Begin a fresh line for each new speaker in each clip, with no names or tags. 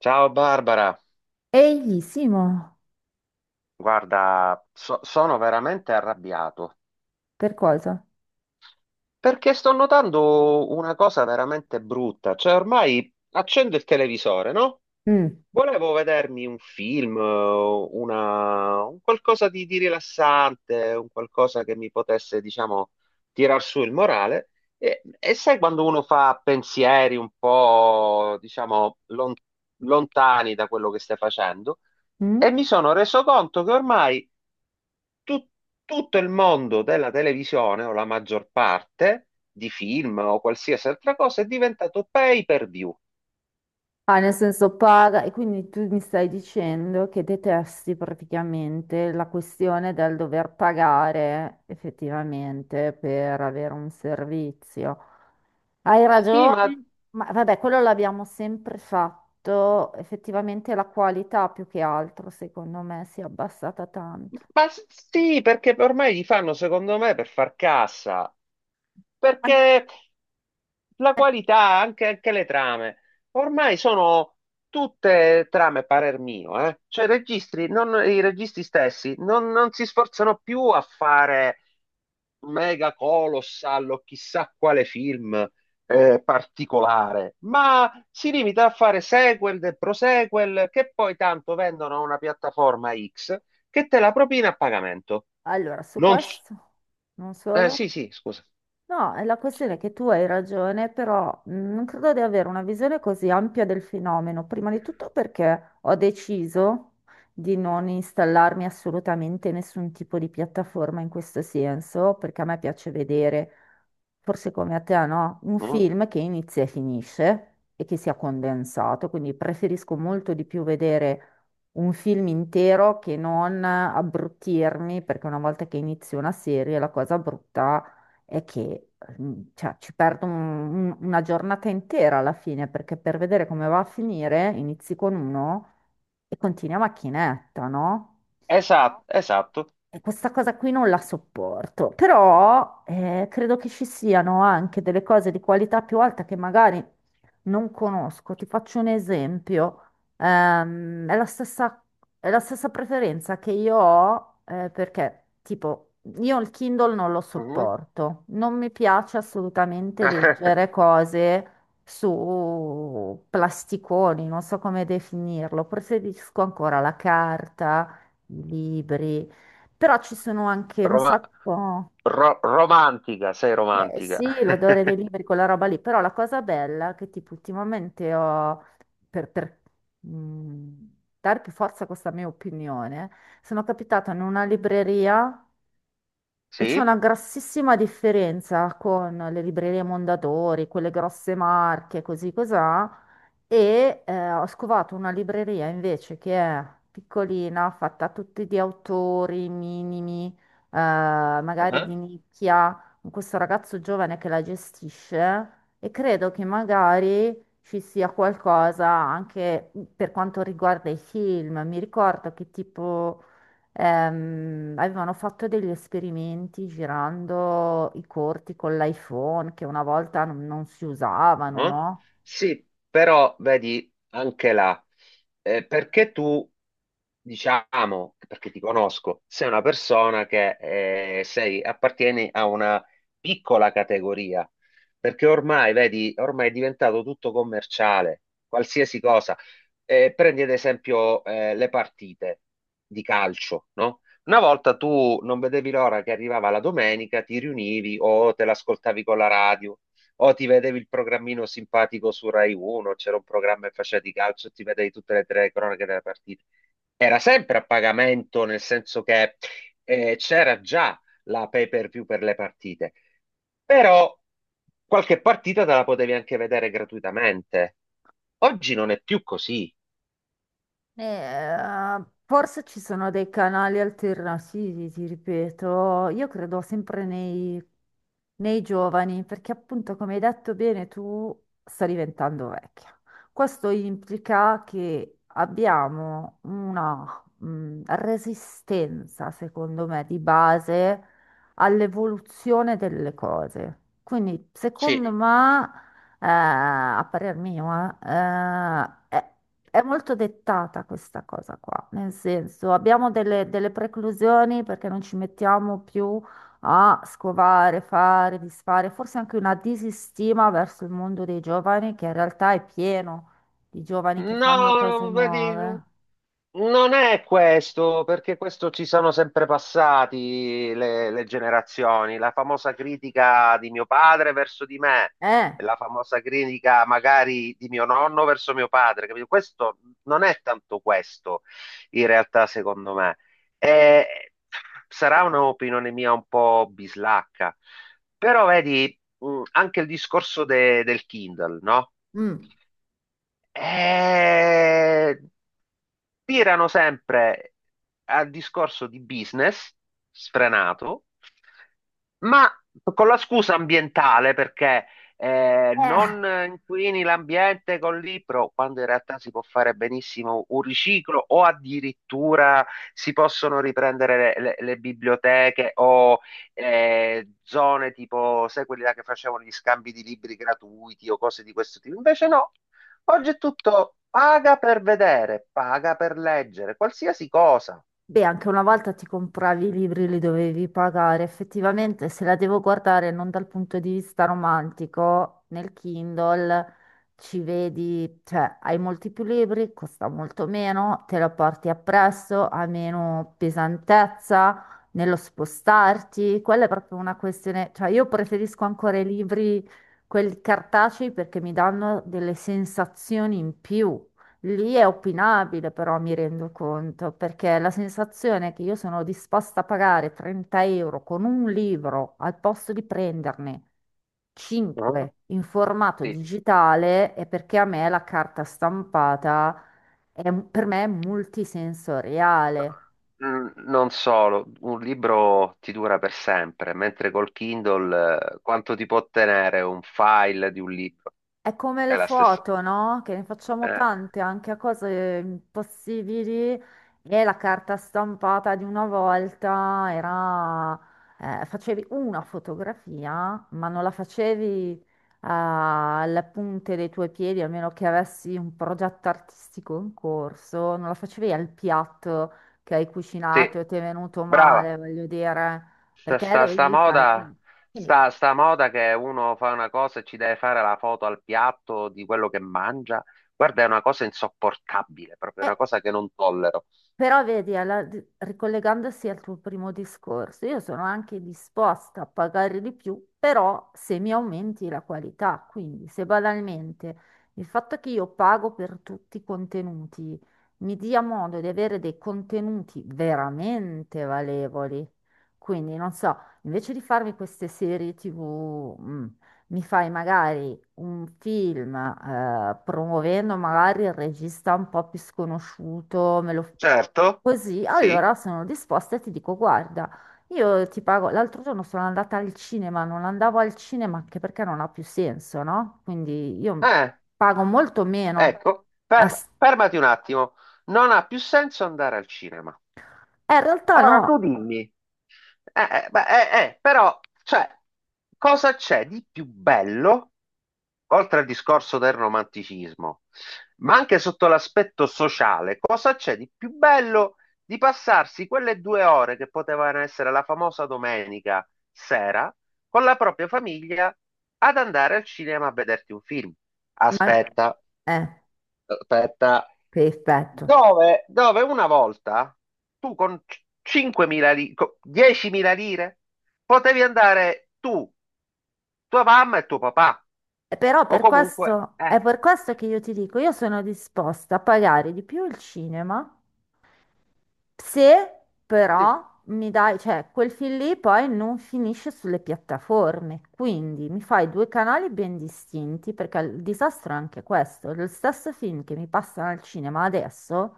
Ciao Barbara,
Eglissimo,
guarda, sono veramente arrabbiato
per cosa?
perché sto notando una cosa veramente brutta, cioè ormai accendo il televisore, no?
Mm,
Volevo vedermi un film, una, un qualcosa di rilassante, un qualcosa che mi potesse, diciamo, tirar su il morale. E sai quando uno fa pensieri un po', diciamo, lontani da quello che stai facendo? E
mm.
mi sono reso conto che ormai tut- tutto il mondo della televisione, o la maggior parte, di film o qualsiasi altra cosa, è diventato pay per view.
Ah, nel senso paga, e quindi tu mi stai dicendo che detesti praticamente la questione del dover pagare effettivamente per avere un servizio. Hai
Sì,
ragione,
ma
ma vabbè, quello l'abbiamo sempre fatto, effettivamente la qualità più che altro, secondo me, si è abbassata tanto.
Ma s- sì, perché ormai li fanno, secondo me, per far cassa.
An-
Perché la qualità, anche, anche le trame, ormai sono tutte trame, parer mio, eh. Cioè, i registri, i registi stessi non, non si sforzano più a fare mega colossal o chissà quale film particolare, ma si limita a fare sequel e prosequel che poi tanto vendono a una piattaforma X che te la propina a pagamento.
Allora, su
Non s-
questo, non solo.
sì, sì, scusa.
No, è la questione è che tu hai ragione, però non credo di avere una visione così ampia del fenomeno. Prima di tutto perché ho deciso di non installarmi assolutamente nessun tipo di piattaforma in questo senso, perché a me piace vedere, forse come a te, no? Un
Mhm.
film che inizia e finisce e che sia condensato, quindi preferisco molto di più vedere un film intero che non abbruttirmi, perché una volta che inizio una serie la cosa brutta è che cioè, ci perdo una giornata intera alla fine, perché per vedere come va a finire inizi con uno e continui a macchinetta, no?
Esatto, esatto.
E questa cosa qui non la sopporto, però credo che ci siano anche delle cose di qualità più alta che magari non conosco. Ti faccio un esempio. Ehm, è la stessa, è la stessa preferenza che io ho perché, tipo, io il Kindle non lo
Mhm.
sopporto. Non mi piace assolutamente leggere cose su plasticoni, non so come definirlo. Preferisco ancora la carta, i libri. Però ci sono anche un
Roma-
sacco,
romantica, sei romantica.
sì, l'odore dei libri, quella roba lì, però la cosa bella che tipo ultimamente ho, per, per, mh, dare più forza a questa mia opinione, sono capitata in una libreria e c'è
Sì?
una grossissima differenza con le librerie Mondadori, quelle grosse marche, così così e ho scovato una libreria invece che è piccolina, fatta tutti di autori minimi, magari
Mhm,
di nicchia, con questo ragazzo giovane che la gestisce e credo che magari ci sia qualcosa anche per quanto riguarda i film. Mi ricordo che tipo avevano fatto degli esperimenti girando i corti con l'iPhone che una volta non si usavano,
mhm.
no?
Sì, però vedi anche là, perché tu diciamo, perché ti conosco, sei una persona che sei, appartieni a una piccola categoria, perché ormai, vedi, ormai è diventato tutto commerciale, qualsiasi cosa. Prendi ad esempio le partite di calcio, no? Una volta tu non vedevi l'ora che arrivava la domenica, ti riunivi o te l'ascoltavi con la radio. O ti vedevi il programmino simpatico su Rai 1, c'era un programma che faceva di calcio, e ti vedevi tutte le tre cronache delle partite. Era sempre a pagamento, nel senso che c'era già la pay-per-view per le partite, però qualche partita te la potevi anche vedere gratuitamente. Oggi non è più così.
Eh, forse ci sono dei canali alternativi, ti ripeto, io credo sempre nei giovani, perché appunto, come hai detto bene, tu stai diventando vecchia. Questo implica che abbiamo una, resistenza, secondo me, di base all'evoluzione delle cose. Quindi,
Sì,
secondo me, a parer mio, è molto dettata questa cosa qua, nel senso abbiamo delle preclusioni perché non ci mettiamo più a scovare, fare, disfare, forse anche una disistima verso il mondo dei giovani che in realtà è pieno di giovani che fanno cose
no, vedi, no.
nuove.
Non è questo, perché questo ci sono sempre passati le generazioni. La famosa critica di mio padre verso di me,
Eh,
la famosa critica magari di mio nonno verso mio padre, capito? Questo non è tanto questo, in realtà, secondo me. Eh, sarà un'opinione mia un po' bislacca, però vedi, anche il discorso del Kindle, no?
mm.
Eh, tirano sempre al discorso di business sfrenato, ma con la scusa ambientale perché
Eh,
non inquini l'ambiente col libro, quando in realtà si può fare benissimo un riciclo o addirittura si possono riprendere le, le biblioteche o zone tipo, sai, quelli là che facevano gli scambi di libri gratuiti o cose di questo tipo. Invece no, oggi è tutto paga per vedere, paga per leggere, qualsiasi cosa.
Beh, anche una volta ti compravi i libri, li dovevi pagare. Effettivamente, se la devo guardare non dal punto di vista romantico, nel Kindle ci vedi, cioè hai molti più libri, costa molto meno, te lo porti appresso, ha meno pesantezza nello spostarti. Quella è proprio una questione, cioè io preferisco ancora i libri, quelli cartacei, perché mi danno delle sensazioni in più. Lì è opinabile, però mi rendo conto, perché la sensazione che io sono disposta a pagare 30 euro con un libro al posto di prenderne
Ah,
5 in formato
sì.
digitale è perché a me la carta stampata per me è multisensoriale.
Mm, non solo, un libro ti dura per sempre, mentre col Kindle quanto ti può tenere un file di un libro?
È come
È
le
la stessa.
foto, no? Che ne facciamo
Eh,
tante anche a cose impossibili e la carta stampata di una volta era... facevi una fotografia, ma non la facevi alle punte dei tuoi piedi, a meno che avessi un progetto artistico in corso, non la facevi al piatto che hai cucinato
sì,
e ti è venuto male,
brava,
voglio dire, perché
sta
dovevi pagare.
moda,
Quindi,
sta moda che uno fa una cosa e ci deve fare la foto al piatto di quello che mangia. Guarda, è una cosa insopportabile, proprio
eh,
una cosa che non tollero.
però vedi, ricollegandosi al tuo primo discorso, io sono anche disposta a pagare di più, però se mi aumenti la qualità, quindi se banalmente il fatto che io pago per tutti i contenuti mi dia modo di avere dei contenuti veramente valevoli, quindi non so, invece di farmi queste serie TV, mi fai magari un film, promuovendo magari il regista un po' più sconosciuto, me lo...
Certo,
così,
sì.
allora sono disposta e ti dico, guarda, io ti pago, l'altro giorno sono andata al cinema, non andavo al cinema anche perché non ha più senso, no? Quindi io
Eh,
pago molto meno.
ecco,
a s-
fermati un attimo. Non ha più senso andare al cinema.
In realtà
Ora
no,
tu dimmi, però, cioè, cosa c'è di più bello, oltre al discorso del romanticismo, ma anche sotto l'aspetto sociale, cosa c'è di più bello di passarsi quelle 2 ore che potevano essere la famosa domenica sera con la propria famiglia ad andare al cinema a vederti un film?
ma...
Aspetta,
Eh,
aspetta,
perfetto.
dove, dove una volta tu con 5.000 lire, 10.000 lire, potevi andare tu, tua mamma e tuo papà,
Però
o
per
comunque,
questo, è per questo che io ti dico, io sono disposta a pagare di più il cinema. Se
sì.
però mi dai, cioè quel film lì poi non finisce sulle piattaforme, quindi mi fai due canali ben distinti, perché il disastro è anche questo, lo stesso film che mi passano al cinema adesso,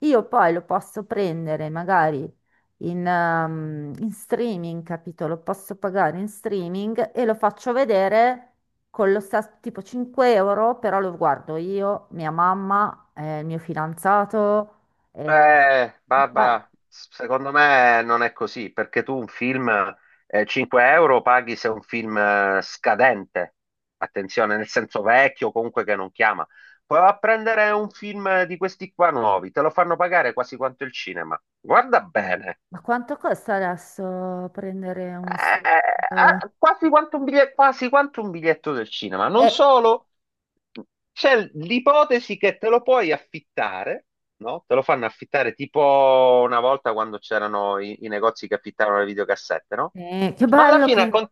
io poi lo posso prendere magari in, in streaming, capito? Lo posso pagare in streaming e lo faccio vedere con lo stesso tipo 5 euro, però lo guardo io, mia mamma, il mio fidanzato. Eh, ma,
Barbara, secondo me non è così, perché tu un film, 5 euro paghi se è un film scadente, attenzione, nel senso vecchio, comunque che non chiama. Puoi a prendere un film di questi qua nuovi, te lo fanno pagare quasi quanto il cinema. Guarda bene.
ma quanto costa adesso prendere uno stream?
Eh, ah, quasi quanto un biglietto, quasi quanto un biglietto del cinema. Non
Eh,
solo, c'è l'ipotesi che te lo puoi affittare, no? Te lo fanno affittare tipo una volta quando c'erano i, i negozi che affittavano le videocassette, no?
che
Ma alla
bello
fine,
che...
con-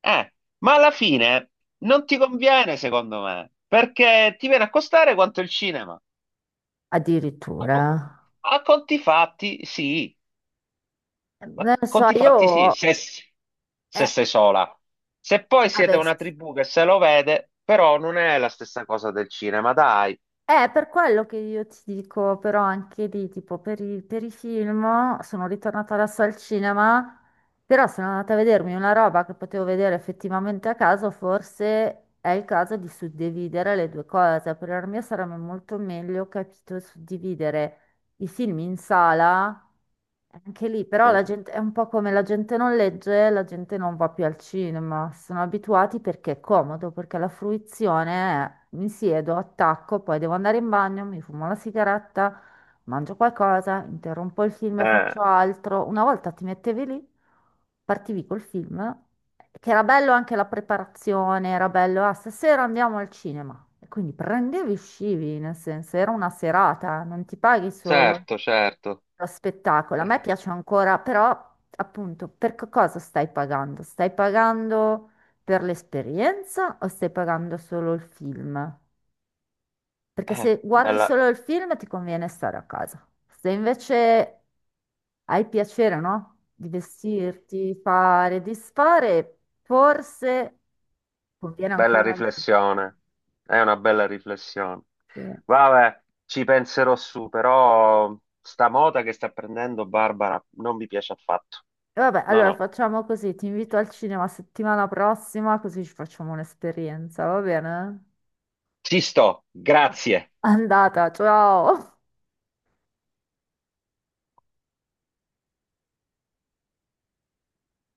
eh, ma alla fine non ti conviene, secondo me, perché ti viene a costare quanto il cinema. A,
Addirittura.
co- a conti fatti, sì. Ma
Non lo so,
conti fatti sì,
io...
se, se
eh,
sei sola. Se poi siete
vabbè,
una
sì,
tribù che se lo vede, però non è la stessa cosa del cinema, dai.
è per quello che io ti dico, però anche lì, tipo, per i film sono ritornata adesso al cinema, però sono andata a vedermi una roba che potevo vedere effettivamente a caso, forse è il caso di suddividere le due cose. Per la mia sarebbe molto meglio, capito, suddividere i film in sala anche lì, però la
Mm?
gente è un po' come la gente non legge, la gente non va più al cinema, sono abituati perché è comodo, perché la fruizione è mi siedo, attacco, poi devo andare in bagno, mi fumo la sigaretta, mangio qualcosa, interrompo il film e
Eh,
faccio altro. Una volta ti mettevi lì, partivi col film, che era bello anche la preparazione, era bello, ah, stasera andiamo al cinema. E quindi prendevi e uscivi, nel senso, era una serata, non ti paghi solo
certo, certo.
lo spettacolo. A me
Eh,
piace ancora, però appunto, cosa stai pagando? Stai pagando per l'esperienza o stai pagando solo il film? Perché se guardi solo
bella,
il film ti conviene stare a casa. Se invece hai piacere, no? Di vestirti, fare, disfare, forse conviene
bella
ancora di più.
riflessione. È una bella riflessione.
Sì.
Vabbè, ci penserò su, però sta moda che sta prendendo Barbara non mi piace affatto.
Vabbè,
No,
allora
no.
facciamo così, ti invito al cinema settimana prossima, così ci facciamo un'esperienza, va bene?
Ci sto, grazie.
Andata, ciao.